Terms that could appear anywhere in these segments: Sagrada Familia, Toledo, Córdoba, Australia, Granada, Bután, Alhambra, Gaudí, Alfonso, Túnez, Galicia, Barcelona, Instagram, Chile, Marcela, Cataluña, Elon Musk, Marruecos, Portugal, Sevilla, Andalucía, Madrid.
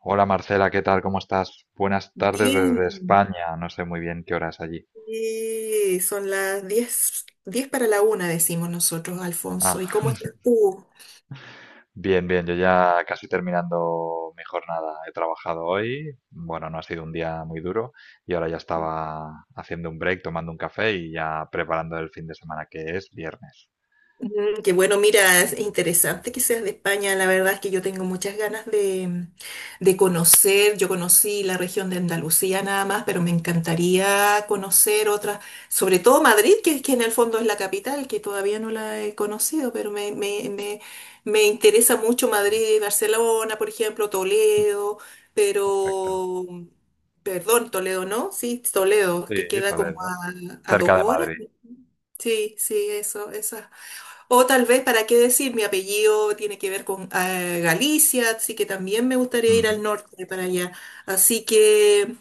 Hola Marcela, ¿qué tal? ¿Cómo estás? Buenas tardes Bien, desde España. No sé muy bien qué hora es allí. sí, son las 10, 10 para la una, decimos nosotros, Alfonso. Ah, ¿Y cómo estás tú? bien, bien. Yo ya casi terminando mi jornada. He trabajado hoy. Bueno, no ha sido un día muy duro y ahora ya estaba haciendo un break, tomando un café y ya preparando el fin de semana que es viernes. Mm, qué bueno, mira, es interesante que seas de España. La verdad es que yo tengo muchas ganas de conocer. Yo conocí la región de Andalucía nada más, pero me encantaría conocer otras, sobre todo Madrid, que en el fondo es la capital, que todavía no la he conocido, pero me interesa mucho Muy bien. Madrid, Barcelona, por ejemplo, Toledo, Perfecto. pero, perdón, Toledo, ¿no? Sí, Toledo, Sí, que queda como Toledo. A dos Cerca de horas. Madrid. Sí, sí, eso, eso. O tal vez, ¿para qué decir? Mi apellido tiene que ver con Galicia, así que también me gustaría ir al norte para allá. Así que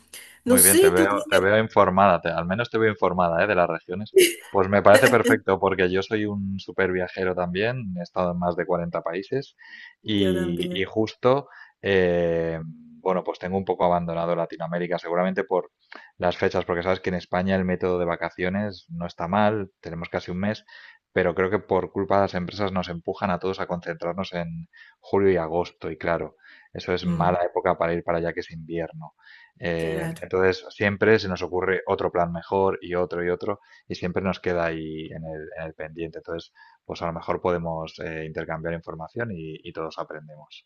no Muy bien, sé, tú te tienes... veo informada, al menos te veo informada, ¿eh? De las regiones. Pues me parece perfecto porque yo soy un súper viajero también, he estado en más de 40 países Yo y también. justo, bueno, pues tengo un poco abandonado Latinoamérica, seguramente por las fechas, porque sabes que en España el método de vacaciones no está mal, tenemos casi un mes, pero creo que por culpa de las empresas nos empujan a todos a concentrarnos en julio y agosto y claro, eso es mala Mm, época para ir para allá que es invierno. Claro, Entonces siempre se nos ocurre otro plan mejor y otro y otro y siempre nos queda ahí en el pendiente. Entonces, pues a lo mejor podemos intercambiar información y todos aprendemos.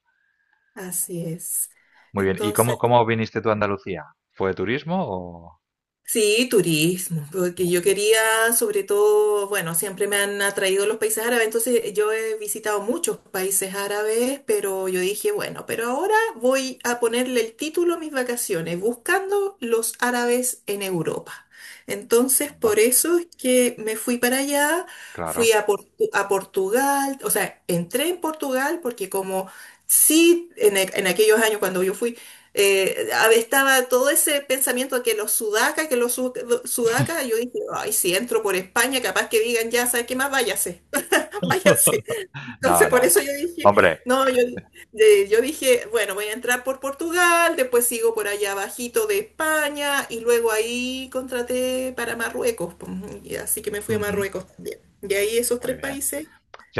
así es. Muy bien. ¿Y cómo, Entonces... cómo viniste tú a Andalucía? ¿Fue de turismo o...? Sí, turismo, porque Muy yo bien. quería, sobre todo, bueno, siempre me han atraído los países árabes, entonces yo he visitado muchos países árabes, pero yo dije, bueno, pero ahora voy a ponerle el título a mis vacaciones, buscando los árabes en Europa. Entonces, Onda. por eso es que me fui para allá, fui Claro. a, a Portugal, o sea, entré en Portugal porque como sí, en aquellos años cuando yo fui... estaba todo ese pensamiento de que los sudacas, que los sudacas, yo dije, ay, si entro por España, capaz que digan, ya, ¿sabes qué más? Váyase, váyase. No, Entonces, no, por eso no. yo dije, Hombre. no, yo, yo dije, bueno, voy a entrar por Portugal, después sigo por allá abajito de España, y luego ahí contraté para Marruecos, pues, y así que me fui a Ujú. Marruecos también. Y ahí esos Muy tres bien. países,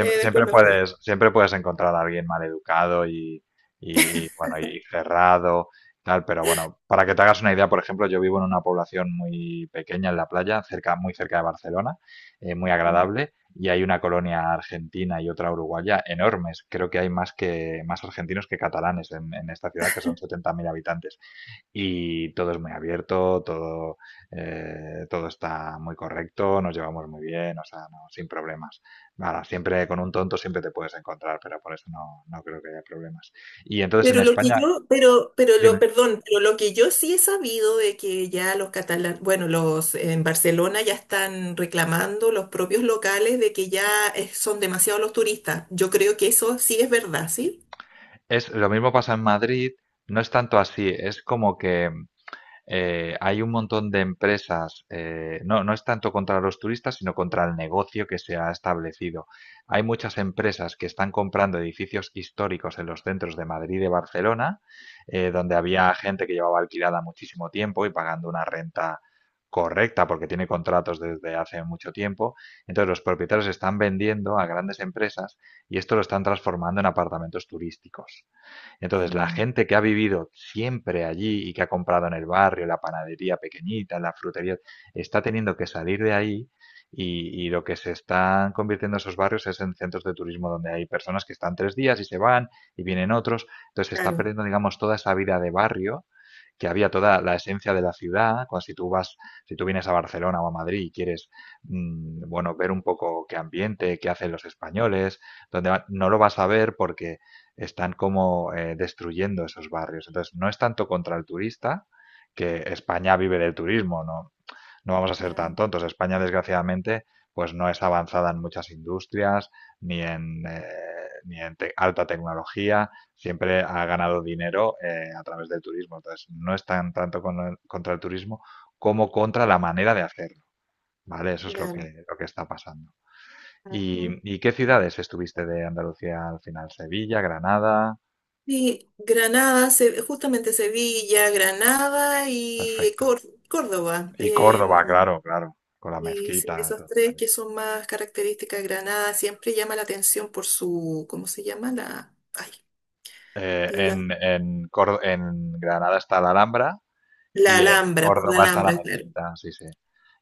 después me fui. Siempre puedes encontrar a alguien maleducado y bueno, y cerrado, tal, pero bueno, para que te hagas una idea, por ejemplo, yo vivo en una población muy pequeña en la playa, cerca, muy cerca de Barcelona, muy agradable, y hay una colonia argentina y otra uruguaya enormes. Creo que hay más que más argentinos que catalanes en esta ciudad, que son 70.000 habitantes y todo es muy abierto, todo, todo está muy correcto, nos llevamos muy bien, o sea, no, sin problemas. Nada, siempre con un tonto siempre te puedes encontrar, pero por eso no, no creo que haya problemas. Y entonces en Pero lo que España, yo, pero lo, dime, perdón, pero lo que yo sí he sabido de que ya los catalanes, bueno, los en Barcelona ya están reclamando los propios locales de que ya son demasiados los turistas. Yo creo que eso sí es verdad, ¿sí? es lo mismo pasa en Madrid, no es tanto así, es como que hay un montón de empresas, no, no es tanto contra los turistas, sino contra el negocio que se ha establecido. Hay muchas empresas que están comprando edificios históricos en los centros de Madrid y de Barcelona, donde había gente que llevaba alquilada muchísimo tiempo y pagando una renta correcta porque tiene contratos desde hace mucho tiempo. Entonces los propietarios están vendiendo a grandes empresas y esto lo están transformando en apartamentos turísticos. Entonces, la Mm, gente que ha vivido siempre allí y que ha comprado en el barrio, la panadería pequeñita, la frutería, está teniendo que salir de ahí y lo que se están convirtiendo esos barrios es en centros de turismo donde hay personas que están tres días y se van y vienen otros. Entonces, se está claro, perdiendo, digamos, toda esa vida de barrio que había toda la esencia de la ciudad, cuando si tú vas, si tú vienes a Barcelona o a Madrid y quieres, bueno, ver un poco qué ambiente, qué hacen los españoles, donde no lo vas a ver porque están como destruyendo esos barrios. Entonces, no es tanto contra el turista, que España vive del turismo, no, no vamos a ser tan mm, tontos. España, desgraciadamente, pues no es avanzada en muchas industrias, ni en, eh, ni en alta tecnología, siempre ha ganado dinero a través del turismo. Entonces, no es tan tanto con contra el turismo como contra la manera de hacerlo, ¿vale? Eso es claro. Lo que está pasando. Ujú. Y qué ciudades estuviste de Andalucía al final? ¿Sevilla, Granada? Sí, Granada, justamente Sevilla, Granada y Perfecto. Córdoba. Y Córdoba, claro, claro, con la Y sí, mezquita. esos Todo. tres que son más características de Granada, siempre llama la atención por su, ¿cómo se llama? La, ay, la, En Granada está la Alhambra la y en Alhambra, por la Córdoba está la Alhambra, claro. mezquita, sí, sí.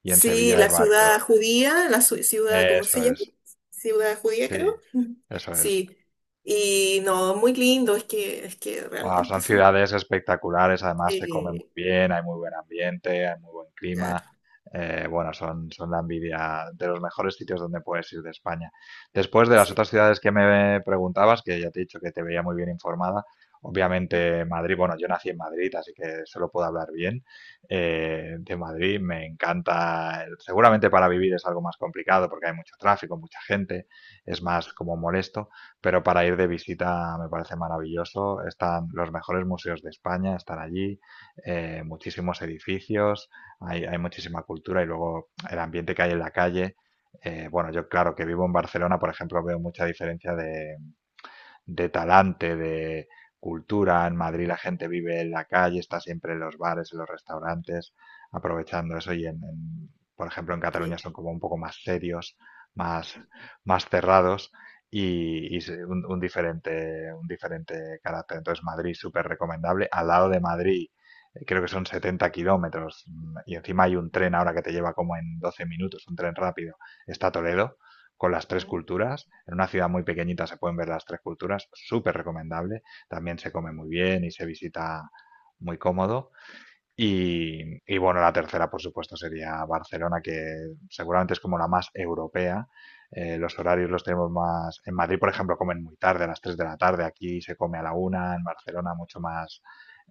Y en Sí, Sevilla hay la ciudad varios. judía, la ciudad, ¿cómo Eso se llama? es, Ciudad judía, sí, creo. Mm. eso es. Sí. Y no, muy lindo, es que Ah, realmente son son, ciudades espectaculares, además se come muy eh, bien, hay muy buen ambiente, hay muy buen clima. claro, Bueno, son, son la envidia de los mejores sitios donde puedes ir de España. Después de las sí. otras ciudades que me preguntabas, que ya te he dicho que te veía muy bien informada, obviamente Madrid, bueno, yo nací en Madrid, así que solo puedo hablar bien de Madrid. Me encanta, seguramente para vivir es algo más complicado porque hay mucho tráfico, mucha gente, es más como molesto pero para ir de visita me parece maravilloso. Están los mejores museos de España, están allí, muchísimos edificios, hay muchísima cultura y luego el ambiente que hay en la calle. Bueno, yo claro que vivo en Barcelona, por ejemplo, veo mucha diferencia de talante, de cultura. En Madrid la gente vive en la calle, está siempre en los bares, en los restaurantes, aprovechando eso y por ejemplo, en Cataluña Sí. son como un poco más serios, más, más cerrados y un diferente carácter. Entonces, Madrid súper recomendable. Al lado de Madrid, creo que son 70 kilómetros y encima hay un tren ahora que te lleva como en 12 minutos, un tren rápido. Está Toledo, con las tres Mm. culturas. En una ciudad muy pequeñita se pueden ver las tres culturas, súper recomendable. También se come muy bien y se visita muy cómodo. Y bueno, la tercera, por supuesto, sería Barcelona, que seguramente es como la más europea. Los horarios los tenemos más... En Madrid, por ejemplo, comen muy tarde, a las 3 de la tarde. Aquí se come a la una en Barcelona mucho más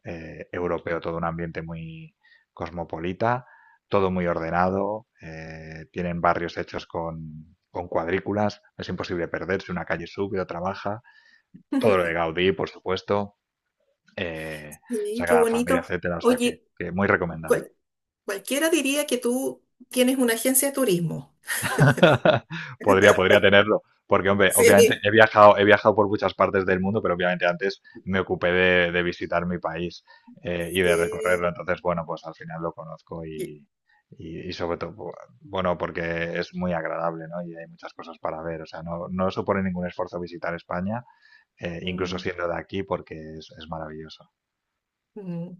europeo, todo un ambiente muy cosmopolita, todo muy ordenado, tienen barrios hechos con cuadrículas, es imposible perderse, una calle sube, otra baja, todo lo de Gaudí, por supuesto, eh, Sí, qué Sagrada Familia, bonito. etcétera, o sea Oye, que muy recomendable. cual- cualquiera diría que tú tienes una agencia de turismo. Podría, podría tenerlo, porque hombre, obviamente Sí. He viajado por muchas partes del mundo, pero obviamente antes me ocupé de visitar mi país y de recorrerlo, Sí. entonces bueno, pues al final lo conozco qué- y sobre todo, bueno, porque es muy agradable, ¿no? Y hay muchas cosas para ver, o sea, no, no supone ningún esfuerzo visitar España, incluso Mm, siendo de aquí, porque es maravilloso. mm.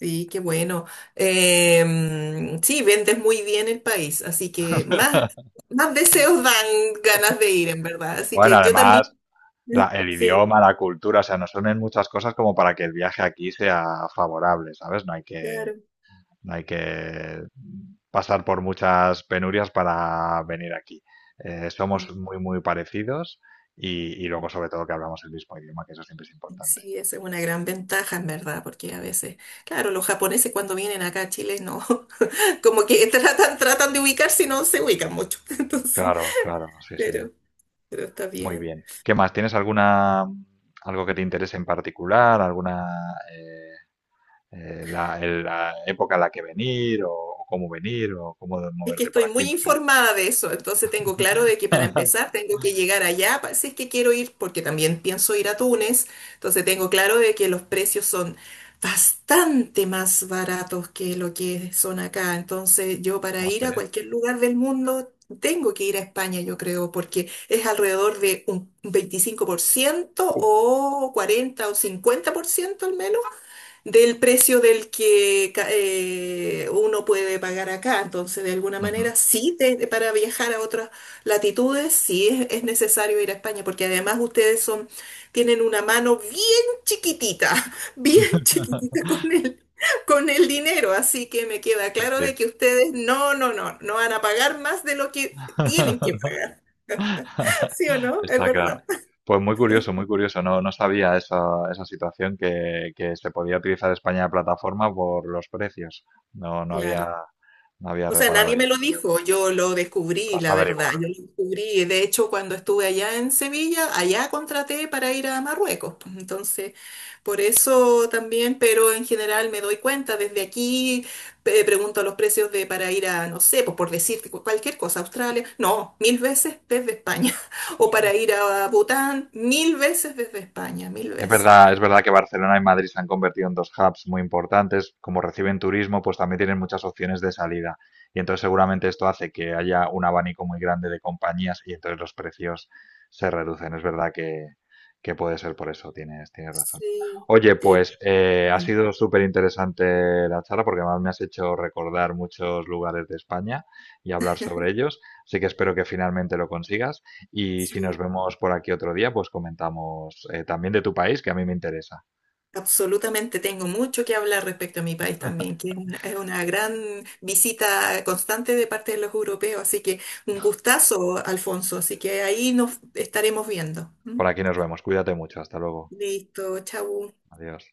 Sí, qué bueno. Sí, vendes muy bien el país, así que más, más deseos dan ganas de ir, en verdad. Así Bueno, que yo además, también. El Sí, idioma, la cultura, o sea, nos unen muchas cosas como para que el viaje aquí sea favorable, ¿sabes? No hay que, claro. hay que pasar por muchas penurias para venir aquí. Somos Mm, muy, muy parecidos y luego, sobre todo, que hablamos el mismo idioma, que eso siempre es importante. sí, esa es una gran ventaja, en verdad, porque a veces, claro, los japoneses cuando vienen acá a Chile, no, como que tratan, tratan de ubicarse y no se ubican mucho. Entonces, Claro, claro, sí, sí. pero, pero está Muy bien. bien. ¿Qué más? ¿Tienes alguna algo que te interese en particular? Eh, la época a la que venir o cómo venir o cómo Es que moverte por estoy aquí? muy No sé. informada de eso, entonces tengo claro de que para empezar tengo que llegar allá, si es que quiero ir, porque también pienso ir a Túnez, entonces tengo claro de que los precios son bastante más baratos que lo que son acá, entonces yo para No ir sé. a cualquier lugar del mundo tengo que ir a España, yo creo, porque es alrededor de un 25% Uh, o 40 o 50% al menos del precio del que uno puede pagar acá. Entonces, de alguna Ujú. manera, sí, para viajar a otras latitudes, sí es necesario ir a España, porque además ustedes son, tienen una mano bien chiquitita, bien chiquitita con el dinero. Así que me queda Sí, claro sí. de que ustedes no van a pagar más de lo que tienen que pagar. ¿Sí o no? Es Está claro. verdad. Pues muy curioso, muy curioso. No, no sabía esa, esa situación que se podía utilizar España de plataforma por los precios. No, no había, Claro. no había O sea, reparado nadie en me ello, lo pero bueno, dijo, yo lo lo descubrí, has la verdad, yo averiguado. lo descubrí. De hecho, cuando estuve allá en Sevilla, allá contraté para ir a Marruecos, pues. Entonces, por eso también, pero en general me doy cuenta, desde aquí pregunto los precios de para ir a, no sé, pues por decirte cualquier cosa, Australia, no, mil veces desde España. O para ir a Bután, mil veces desde España, mil veces. Es verdad que Barcelona y Madrid se han convertido en dos hubs muy importantes. Como reciben turismo, pues también tienen muchas opciones de salida. Y entonces seguramente esto hace que haya un abanico muy grande de compañías y entonces los precios se reducen. Es verdad que puede ser por eso, tienes, tienes razón. Sí, Oye, te- pues ha mm, sido súper interesante la charla porque además me has hecho recordar muchos lugares de España y hablar sobre ellos. Así que espero que finalmente lo consigas. Y si nos sí. vemos por aquí otro día, pues comentamos también de tu país, que a mí me interesa. Absolutamente, tengo mucho que hablar respecto a mi país también, que es una gran visita constante de parte de los europeos, así que un gustazo, Alfonso, así que ahí nos estaremos viendo. ¿M? Por aquí nos vemos. Cuídate mucho. Hasta luego. Listo, chau. Adiós.